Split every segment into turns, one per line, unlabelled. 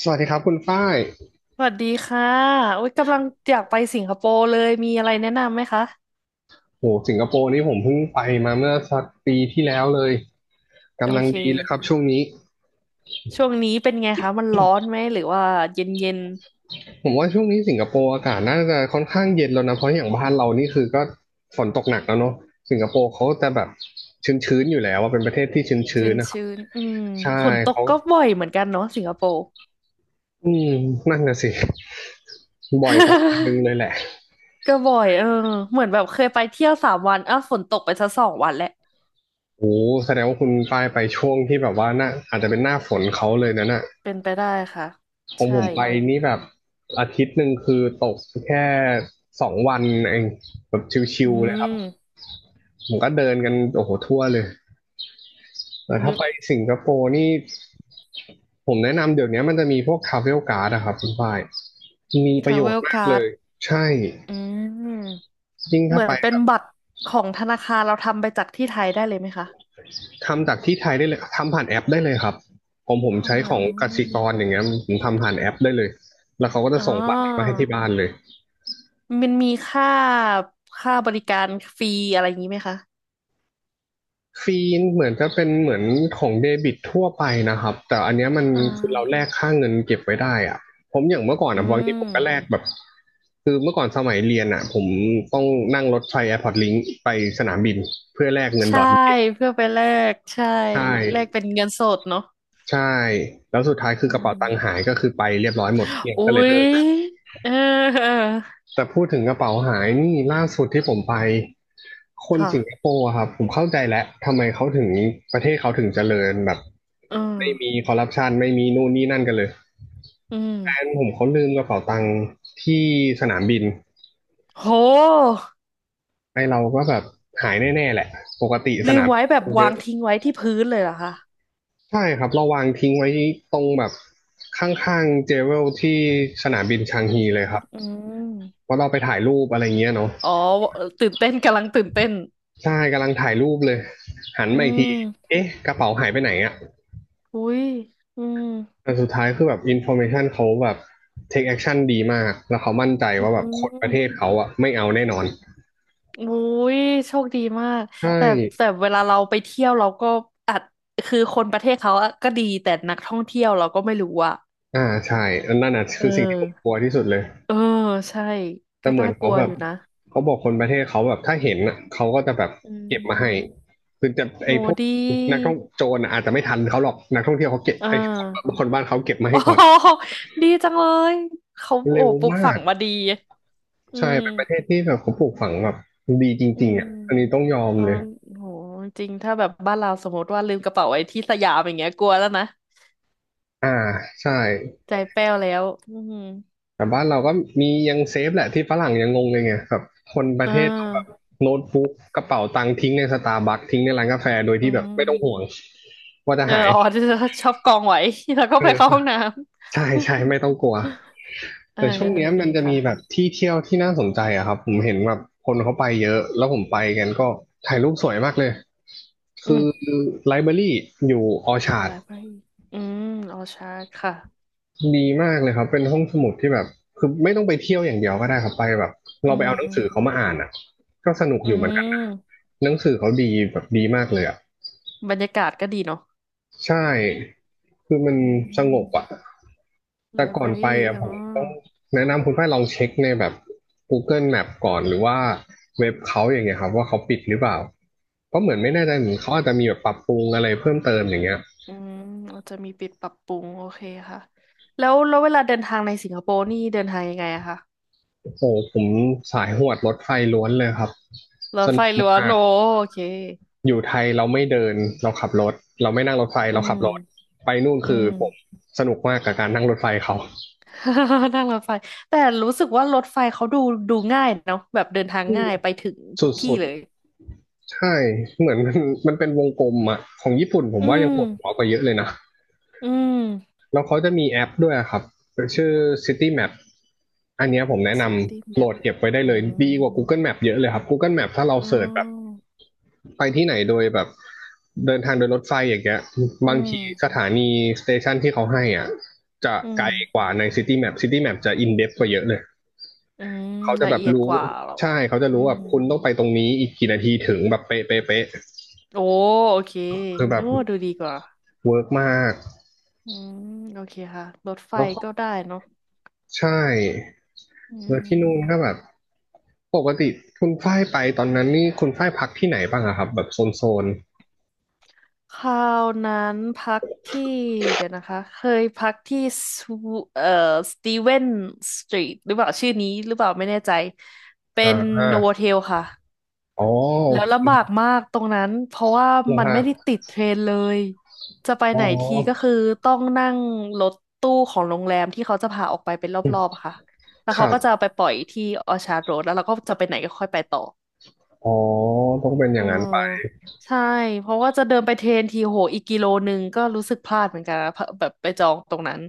สวัสดีครับคุณฝ้าย
สวัสดีค่ะโอ๊ยกำลังอยากไปสิงคโปร์เลย มีอะไรแนะนำไหมคะ
โหสิงคโปร์นี่ผมเพิ่งไปมาเมื่อสักปีที่แล้วเลย
โอ
กำลัง
เค
ดีเลยครับช่วงนี้
ช่วงนี้เป็นไงคะ มันร้อนไหม หรือว่าเย็นเย็น
ผมว่าช่วงนี้สิงคโปร์อากาศน่าจะค่อนข้างเย็นแล้วนะเพราะอย่างบ้านเรานี่คือก็ฝนตกหนักแล้วเนาะสิงคโปร์เขาจะแบบชื้นๆอยู่แล้วว่าเป็นประเทศที่ชื้
ชื้
น
น
ๆนะครับ
ชื้นๆอืม
ใช่
ฝนตก
เขา
ก็บ่อยเหมือนกันเนาะสิงคโปร์
อืมนั่นน่ะสิบ่อยประมาณนึงเลยแห ละ
ก็บ่อยเออเหมือนแบบเคยไปเที่ยวสามวันอ้าวฝนตกไปซะสองวันแหละ
โอ้แสดงว่าคุณฝ้ายไปช่วงที่แบบว่าน่าอาจจะเป็นหน้าฝนเขาเลยนะน่ะ
เป็นไปได้ค่ะ
ของ
ใช่
ผมไปนี่แบบอาทิตย์หนึ่งคือตกแค่สองวันเองแบบชิ
อื
วๆเลยครับ
ม
ผมก็เดินกันโอ้โหทั่วเลยแต่ถ้าไปสิงคโปร์นี่ผมแนะนำเดี๋ยวนี้มันจะมีพวกทราเวลการ์ดอะครับคุณฝ้ายมี
ท
ประ
รา
โย
เว
ช
ล
น์มาก
กา
เล
ร์ด
ยใช่
อืม
ยิ่ง
เห
ถ้า
มือ
ไป
นเป็
แบ
น
บ
บัตรของธนาคารเราทำไปจากที่ไทยได้เลยไหมคะ
ทำจากที่ไทยได้เลยทำผ่านแอปได้เลยครับผม
เข้า
ใช้
มา
ของ
อื
กสิ
ม
กรอย่างเงี้ยผมทำผ่านแอปได้เลยแล้วเขาก็จะ
อ๋อ
ส่งบัตรมาให้ที่บ้านเลย
มันมีค่าค่าบริการฟรีอะไรอย่างนี้ไหมคะ
ฟีนเหมือนจะเป็นเหมือนของเดบิตทั่วไปนะครับแต่อันเนี้ยมัน
อ่
คือเราแล
า
กค่าเงินเก็บไว้ได้อะผมอย่างเมื่อก่อน
อื
อะบางทีผมก็แล
ม
กแบบคือเมื่อก่อนสมัยเรียนอะผมต้องนั่งรถไฟแอร์พอร์ตลิงไปสนามบินเพื่อแลกเงินด
ใช่
อทเก็บ
เพื่อไปแลกใช่
ใช่
แลกเป็นเงินสดเนาะ
ใช่แล้วสุดท้ายคือ
อื
กระเป๋า
ม
ตังค์หายก็คือไปเรียบร้อยหมดเกลี้ยง
อุ๊
ก็เลย
ย
เลิก
เออเออ
แต่พูดถึงกระเป๋าหายนี่ล่าสุดที่ผมไปคนสิงค
ค่ะ
โปร์อะครับผมเข้าใจแล้วทำไมเขาถึงประเทศเขาถึงเจริญแบบ
อืม
ไม่มีคอร์รัปชันไม่มีนู่นนี่นั่นกันเลย
อื
แฟน
ม
ผมเขาลืมกระเป๋าตังค์ที่สนามบิน
โห
ไอเราก็แบบหายแน่ๆแหละปกติส
ลื
นา
ม
มบิ
ไว้
น
แบ
ค
บ
นเย
วา
อะ
งทิ้งไว้ที่พื้นเลยเหรอคะ
ใช่ครับเราวางทิ้งไว้ตรงแบบข้างๆเจเวลที่สนามบินชางฮี
จิ
เลย
ว
ครับ
อืม
เพราะเราไปถ่ายรูปอะไรเงี้ยเนาะ
อ๋อตื่นเต้นกำลังตื่นเต้น
ใช่กำลังถ่ายรูปเลยหัน
อื
มาอีกที
ม
เอ๊ะกระเป๋าหายไปไหนอะ
อุ๊ยอืม
แต่สุดท้ายคือแบบอินโฟอร์เมชันเขาแบบเทคแอคชั่นดีมากแล้วเขามั่นใจ
อื
ว่าแบบคนป
ม
ระเทศเขาอะไม่เอาแน่นอน
อุ้ยโชคดีมาก
ใช่
แต่แต่เวลาเราไปเที่ยวเราก็อาจคือคนประเทศเขาอะก็ดีแต่นักท่องเที่ยวเราก็ไม่รู้อะ
อ่าใช่อันนั่นน่ะ
เอ
คื
อ
อสิ่งที่ผมกลัวที่สุดเลย
เออใช่
แต่
ก็
เหมือ
น่า
น
ก
เขา
ลัว
แบ
อ
บ
ยู่นะ
เขาบอกคนประเทศเขาแบบถ้าเห็นอ่ะเขาก็จะแบบ
อื
เก็บมาให้
ม
คือจะ
โห
ไอ้พวก
ดี
นักท่องโจรน่ะอาจจะไม่ทันเขาหรอกนักท่องเที่ยวเขาเก็บ
อ่า
ไอ้คนบ้านเขาเก็บมา
โอ้
ให้ก่อน
โหดีจังเลยเขาโอ้
เร็ว
ปลูก
มา
ฝัง
ก
มาดีอื
ใช่เป็นประเท
ม
ศที่แบบเขาปลูกฝังแบบดีจ
อื
ริงๆ
ม
อ่ะอันนี้ต้องยอม
อ๋อ
เลย
โหจริงถ้าแบบบ้านเราสมมติว่าลืมกระเป๋าไว้ที่สยามอย่างเงี้ยกลัวแล้วนะ
อ่าใช่
ใจแป้วแล้วอืม
แต่บ้านเราก็มียังเซฟแหละที่ฝรั่งยังงงเลยไงแบบคนประ
อ่
เทศเราแบบ
า
โน้ตบุ๊กกระเป๋าตังค์ทิ้งในสตาร์บัคทิ้งในร้านกาแฟโดย
อื
ที่แบบไม่ต้องห่วง
ม
ว่าจะ
เออ
หาย
อ๋อจะชอบกองไว้ แล้วก็
เอ
ไป
อ
เข้าห้องน้ำ
ใช่ใช่ไม่ต้องกลัว
เออ
แต่ช่วงเนี้ย
จริ
มัน
ง
จะมีแบบ
ค่ะ
ที่เที่ยวที่น่าสนใจอะครับผมเห็นแบบคนเขาไปเยอะแล้วผมไปกันก็ถ่ายรูปสวยมากเลย
อื
คื
ม
อไลบรารีอยู่ออชาร์ด
library อืมออชาร์ดค่ะ
ดีมากเลยครับเป็นห้องสมุดที่แบบคือไม่ต้องไปเที่ยวอย่างเดียวก็ได้ครับไปแบบ
อื
เราไปเอาหนังสือเขา
ม
มาอ่านอ่ะก็สนุก
อื
อยู่เหมือนกันนะ
ม
หนังสือเขาดีแบบดีมากเลยอ่ะ
บรรยากาศก็ดีเนาะ
ใช่คือมัน
อื
สง
ม
บอ่ะแต่ก่อน
library
ไปอ่ะ
อ๋อ
ผมต้องแนะนำคุณฝ้ายลองเช็คในแบบ Google Map ก่อนหรือว่าเว็บเขาอย่างเงี้ยครับว่าเขาปิดหรือเปล่าก็เหมือนไม่แน่ใจเหมือนเขาอาจจะมีแบบปรับปรุงอะไรเพิ่มเติมอย่างเงี้ย
อืมเราจะมีปิดปรับปรุงโอเคค่ะแล้วเวลาเดินทางในสิงคโปร์นี่เดินทางยังไงอะคะ
โอ้โหผมสายหวดรถไฟล้วนเลยครับ
ร
ส
ถไฟ
นุก
หรือว่
มา
โน
ก
โอเค
อยู่ไทยเราไม่เดินเราขับรถเราไม่นั่งรถไฟ
อื
เราขับรถ
ม
ไปนู่น
อื
คือ
ม
ผมสนุกมากกับการนั่งรถไฟเขา
นั่งรถไฟแต่รู้สึกว่ารถไฟเขาดูดูง่ายเนาะแบบเดินทางง่ายไปถึง
ส
ทุกที่
ุด
เลย
ๆใช่เหมือน มันเป็นวงกลมอะของญี่ปุ่นผม
อื
ว่ายัง
ม
ปวดหัวกว่าเยอะเลยนะ
อืม
แล้วเขาจะมีแอปด้วยอะครับชื่อ City Map อันเนี้ยผมแนะน
ซิตี้
ำ
แม
โหล
ป
ดเก็บไว้ได้
อื
เลย
ม
ดีกว่า Google Map เยอะเลยครับ Google Map ถ้าเรา
อื
เสิร์ชแบบ
ม
ไปที่ไหนโดยแบบเดินทางโดยรถไฟอย่างเงี้ย
อื
บาง
ม
ทีสถานีสเตชันที่เขาให้อ่ะจะ
อื
ไกลก
ม
ว่าในซิตี้แมปซิตี้แมปจะอินเด t กว่าเยอะเลย
อืม
เขาจะ
ละ
แบบ
เอียดก
รู้
ว่าเหรอ
ใช่เขาจะ
อื
รู้แบ
ม
บคุณต้องไปตรงนี้อีกกี่นาทีถึงแบบเป๊ะเป๊ะเป๊ะ
โอ้โอเค
คือแบ
นึ
บ
กว่าดูดีกว่า
เวิร์กมาก
อืมโอเคค่ะรถไฟ
แล้วก็
ก็ได้เนาะ
ใช่
อื
แล้วที่นู่น
ม
ก็แบบปกติคุณฝ้ายไปตอนนั้นนี่คุณฝ้ายพักที่ไหนบ้างอะครับแบบโซน
คราวนั้นพักที่เดี๋ยวนะคะเคยพักที่สวเอ่อสตีเวนสตรีทหรือเปล่าชื่อนี้หรือเปล่าไม่แน่ใจเป็
อ่
นโนโว
า
เทลค่ะ
อ๋อโอ
แล้วลำ
เ
บากมากตรงนั้นเพราะว่า
ค
มั
ค
น
รั
ไม่
บ
ได้ติดเทรนเลยจะไป
อ๋
ไห
อ
นทีก็คือต้องนั่งรถตู้ของโรงแรมที่เขาจะพาออกไปเป็นรอบๆอะค่ะแล้ว
ค
เขา
รั
ก็จะเอา
บ
ไปปล่อยที่ออชาร์ดโรดแล้วเราก็จะไปไหนก็ค่อยไปต่อ
อ๋อต้องเป็นอ
อ๋
ย่างนั้น
อใช่เพราะว่าจะเดินไปเทรนทีโหอีกกิโลนึงก็รู้สึกพลาดเหมือนกันนะเพราะแบบไปจองตรงนั้น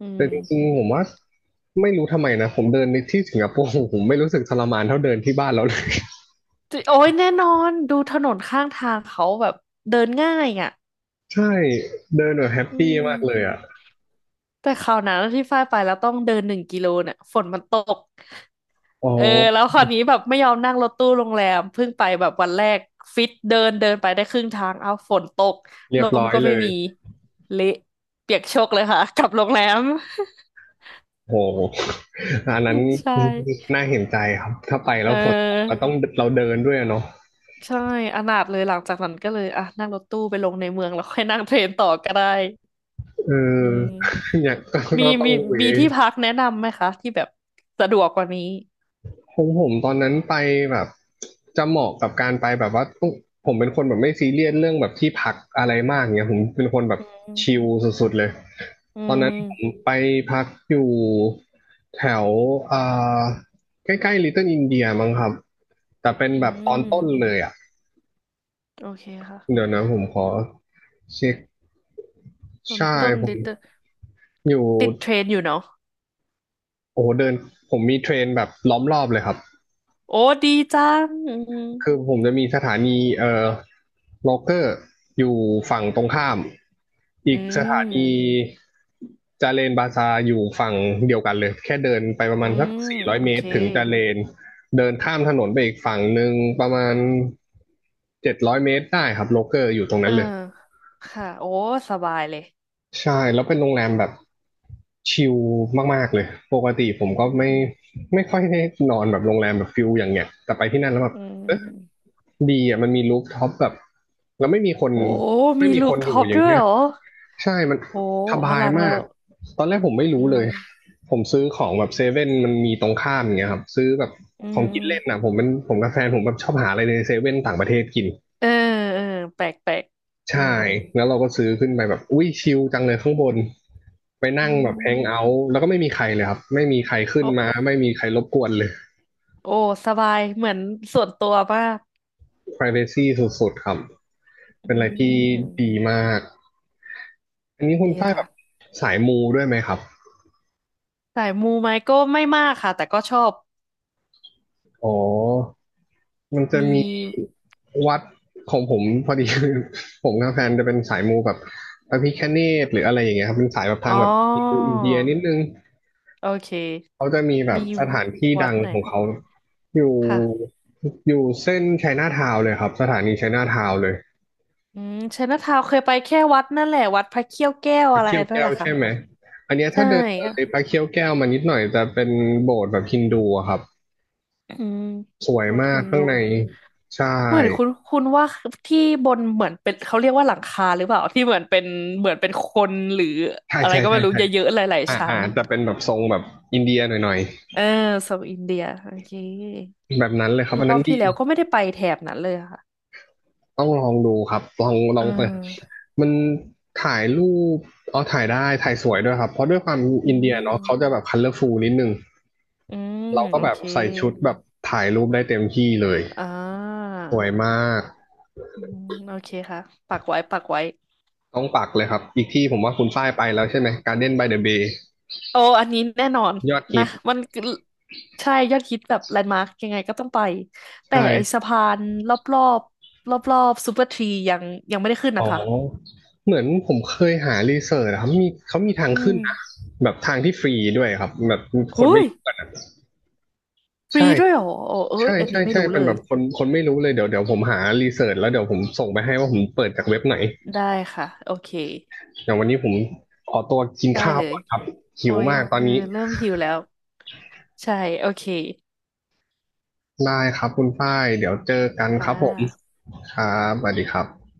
อื
แต่
ม
จริงๆผมว่าไม่รู้ทำไมนะผมเดินในที่สิงคโปร์ผมไม่รู้สึกทรมานเท่าเดินที่บ้านเราเลย
จิโอ้ยแน่นอนดูถนนข้างทางเขาแบบเดินง่ายอ่ะ
ใช่เดินแบบแฮป
อื
ปี้
ม
มากเลยอ่ะ
แต่คราวนั้นที่ฝ้ายไปแล้วต้องเดินหนึ่งกิโลเนี่ยฝนมันตก
อ๋อ
เออแล้วคราวนี้แบบไม่ยอมนั่งรถตู้โรงแรมเพิ่งไปแบบวันแรกฟิตเดินเดินไปได้ครึ่งทางเอาฝนตก
เรี
ล
ยบ
ม
ร้อย
ก็
เล
ไม่
ย
มีเละเปียกโชกเลยค่ะกลับโรงแรม
โอ้โหอันนั้น
ใช่
น่าเห็นใจครับถ้าไปแล้
เอ
วฝนตกก็
อ
ต้องเราเดินด้วยอะเนาะ
ใช่อนาถเลยหลังจากนั้นก็เลยอ่ะนั่งรถตู้ไปลงในเมืองแล้ว ค่อยนั่งเทรนต่อก็ได้
เอ
อื
อ
ม
อยาก
มี
ก็ต้อ
มี
งเว
มีที่พักแนะนำไหมคะที่แบบสะดวกกว่านี้
ของผมตอนนั้นไปแบบจะเหมาะกับการไปแบบว่าต้องผมเป็นคนแบบไม่ซีเรียสเรื่องแบบที่พักอะไรมากเงี้ยผมเป็นคนแบบ
อืม
ชิลสุดๆเลย
อื
ตอนนั้นผม
ม
ไปพักอยู่แถวอ่าใกล้ๆลิตเติ้ลอินเดียมั้งครับแต่เป็น
อื
แบบตอน
ม
ต้นเลยอ่ะ
โอเคค่ะ
เดี๋ยวนะผมขอเช็ค
ต้น
ใช่
ต้น
ผ
ลิ
ม
ตเตอร์
อยู่
ติดเทรนอยู่เนาะ
โอ้โหเดินผมมีเทรนแบบล้อมรอบเลยครับ
โอ้ดีจังอืม
คือผมจะมีสถานีโลเกอร์อยู่ฝั่งตรงข้ามอี
อื
กสถานี
ม
จาเลนบาซาอยู่ฝั่งเดียวกันเลยแค่เดินไปประ
อื
มาณสัก
ม
สี่ร้อย
โอ
เม
เค
ตรถึงจาเลนเดินข้ามถนนไปอีกฝั่งหนึ่งประมาณ700 เมตรได้ครับโลเกอร์อยู่ตรง
เอ
นั้
อ
นเลย
ค่ะโอ้สบายเลย
ใช่แล้วเป็นโรงแรมแบบชิลมากๆเลยปกติผมก็
อืม
ไม่ค่อยได้นอนแบบโรงแรมแบบฟิลอย่างเงี้ยแต่ไปที่นั่นแล้วแบบ
อืม
ดีอ่ะมันมีรูฟท็อปแบบแล้วไม่มีคน
โอ้มีลูป
อ
ท็
ยู่
อป
อย่าง
ด้วย
เงี้ย
เหรอ
ใช่มัน
โห
ส
อ
บาย
ลัง
มา
แล้
ก
ว
ตอนแรกผมไม่
อื
รู้เลย
ม
ผมซื้อของแบบเซเว่นมันมีตรงข้ามอย่างเงี้ยครับซื้อแบบ
อื
ของกินเล่นนะ
ม
ผมเป็นผมกับแฟนผมแบบชอบหาอะไรในเซเว่นต่างประเทศกิน
เออเออแปลกแปลกอื
ใช่
ม
แล้วเราก็ซื้อขึ้นไปแบบอุ้ยชิลจังเลยข้างบนไป
อื
นั่งแบบแฮงเอา
ม
ท์แล้วก็ไม่มีใครเลยครับไม่มีใครขึ้นมา
โอ
ไม่มีใครรบกวนเลย
โอ้สบายเหมือนส่วนตัวมาก
privacy สุดๆครับ
อื
เป็นอะไรที่ดี
ม
มาก อันนี้คุณ
ดี
ฝ้ายแบ
ค่ะ
บสายมูด้วยไหมครับ
สายมูไหมก็ไม่มากค่ะแต่ก็ชอบ
อ๋อมันจะ
มี
มีวัดของผมพอดี ผมกับแฟนจะเป็นสายมูแบบพระพิฆเนศหรืออะไรอย่างเงี้ยครับเป็นสายแบบ
อ๋
ทา
อ
งแบบอินเดียนิดนึง
โอเค
เขาจะมีแบบ
มี
สถานที่
วั
ดั
ด
ง
ไหน
ของเขาอยู่
ค่ะ
อยู่เส้นไชน่าทาวน์เลยครับสถานีไชน่าทาวน์เลย
อืมไชน่าทาวน์เคยไปแค่วัดนั่นแหละวัดพระเขี้ยวแก้ว
พระ
อะไร
เขี้ยว
นั่น
แก้
แห
ว
ละค่ะ
ใช่ไหมอันเนี้ย
ใช่
ถ้าเดิน
อ่ะ
เลยพระเขี้ยวแก้วมานิดหน่อยจะเป็นโบสถ์แบบฮินดูอะครับ
อืม
สวย
โบสถ์
มา
ฮิ
ก
นดู
ข้างในใช่
เหมือนคุณคุณว่าที่บนเหมือนเป็นเขาเรียกว่าหลังคาหรือเปล่าที่เหมือนเป็นเหมือนเป็นคนหรือ
ใช่
อะไร
ใช่
ก็ไม่
ใช่
รู้
ใช่
เยอะๆหลาย
อ่า
ๆชั้น
อ่าแต่เป็นแบบทรงแบบอินเดียหน่อย
เออเซาท์อินเดียโอเค
ๆแบบนั้นเลยครับ
ร
อัน
อ
นั้น
บ
ดี
ที่แล้วก็ไม่ได้ไปแถบนั้นเลยอะค่ะ
ต้องลองดูครับลองล
เอ
องเปิด
อ
มันถ่ายรูปอ๋อถ่ายได้ถ่ายสวยด้วยครับเพราะด้วยความ
อื
อินเดียเนาะเขาจะ
ม
แบบคัลเลอร์ฟูลนิดนึง
อืม
เราก็
โอ
แบบ
เค
ใส่ชุดแบบถ่ายรูปได้เต็มที่เลย
อ่า
สวยมาก
อืมโอเคค่ะปักไว้ปักไว้
ต้องปักเลยครับอีกที่ผมว่าคุณฝ้ายไปแล้วใช่ไหมการ d เด b นบายเดอะเบย์
โอ้อันนี้แน่นอน
ยอดฮิ
นะ
ต
มันคือใช่ ยอดฮิตแบบแลนด์มาร์กยังไงก็ต้องไป
ใช
แต่ไอ้
่
สะพานรอบรอบรอบรอบซูเปอร์ทรียังยังไม่ได้ขึ้นนะ
อ๋อ
คะ
เหมือนผมเคยหารีเสิร์ชอะครับมีเขามีทาง
อื
ขึ้น
ม
นะแบบทางที่ฟรีด้วยครับแบบคน
หุ้
ไม่
ย
รู้
ฟรี
ใช่
ด้วยเหรอโอ้เอ้ย
ใช่
อัน
ใช่
นี้ไม่
ใช่
รู้
เป็
เล
นแบ
ย
บคนไม่รู้เลยเดี๋ยวผมหารีเสิร์ชแล้วเดี๋ยวผมส่งไปให้ว่าผมเปิดจากเว็บไหน
ได้ค่ะ โอเค
อย่างวันนี้ผมขอตัวกิน
ได้
ข้าว
เลย
ก่อนครับหิ
โอ้
ว
ย
มากตอ
เอ
น
อ
นี้
เริ่มหิวแล้ว ใช่ โอเค
ได้ครับคุณฝ้ายเดี๋ยวเจอกันค
ค่ะ
รับผมครับสวัสดีครับ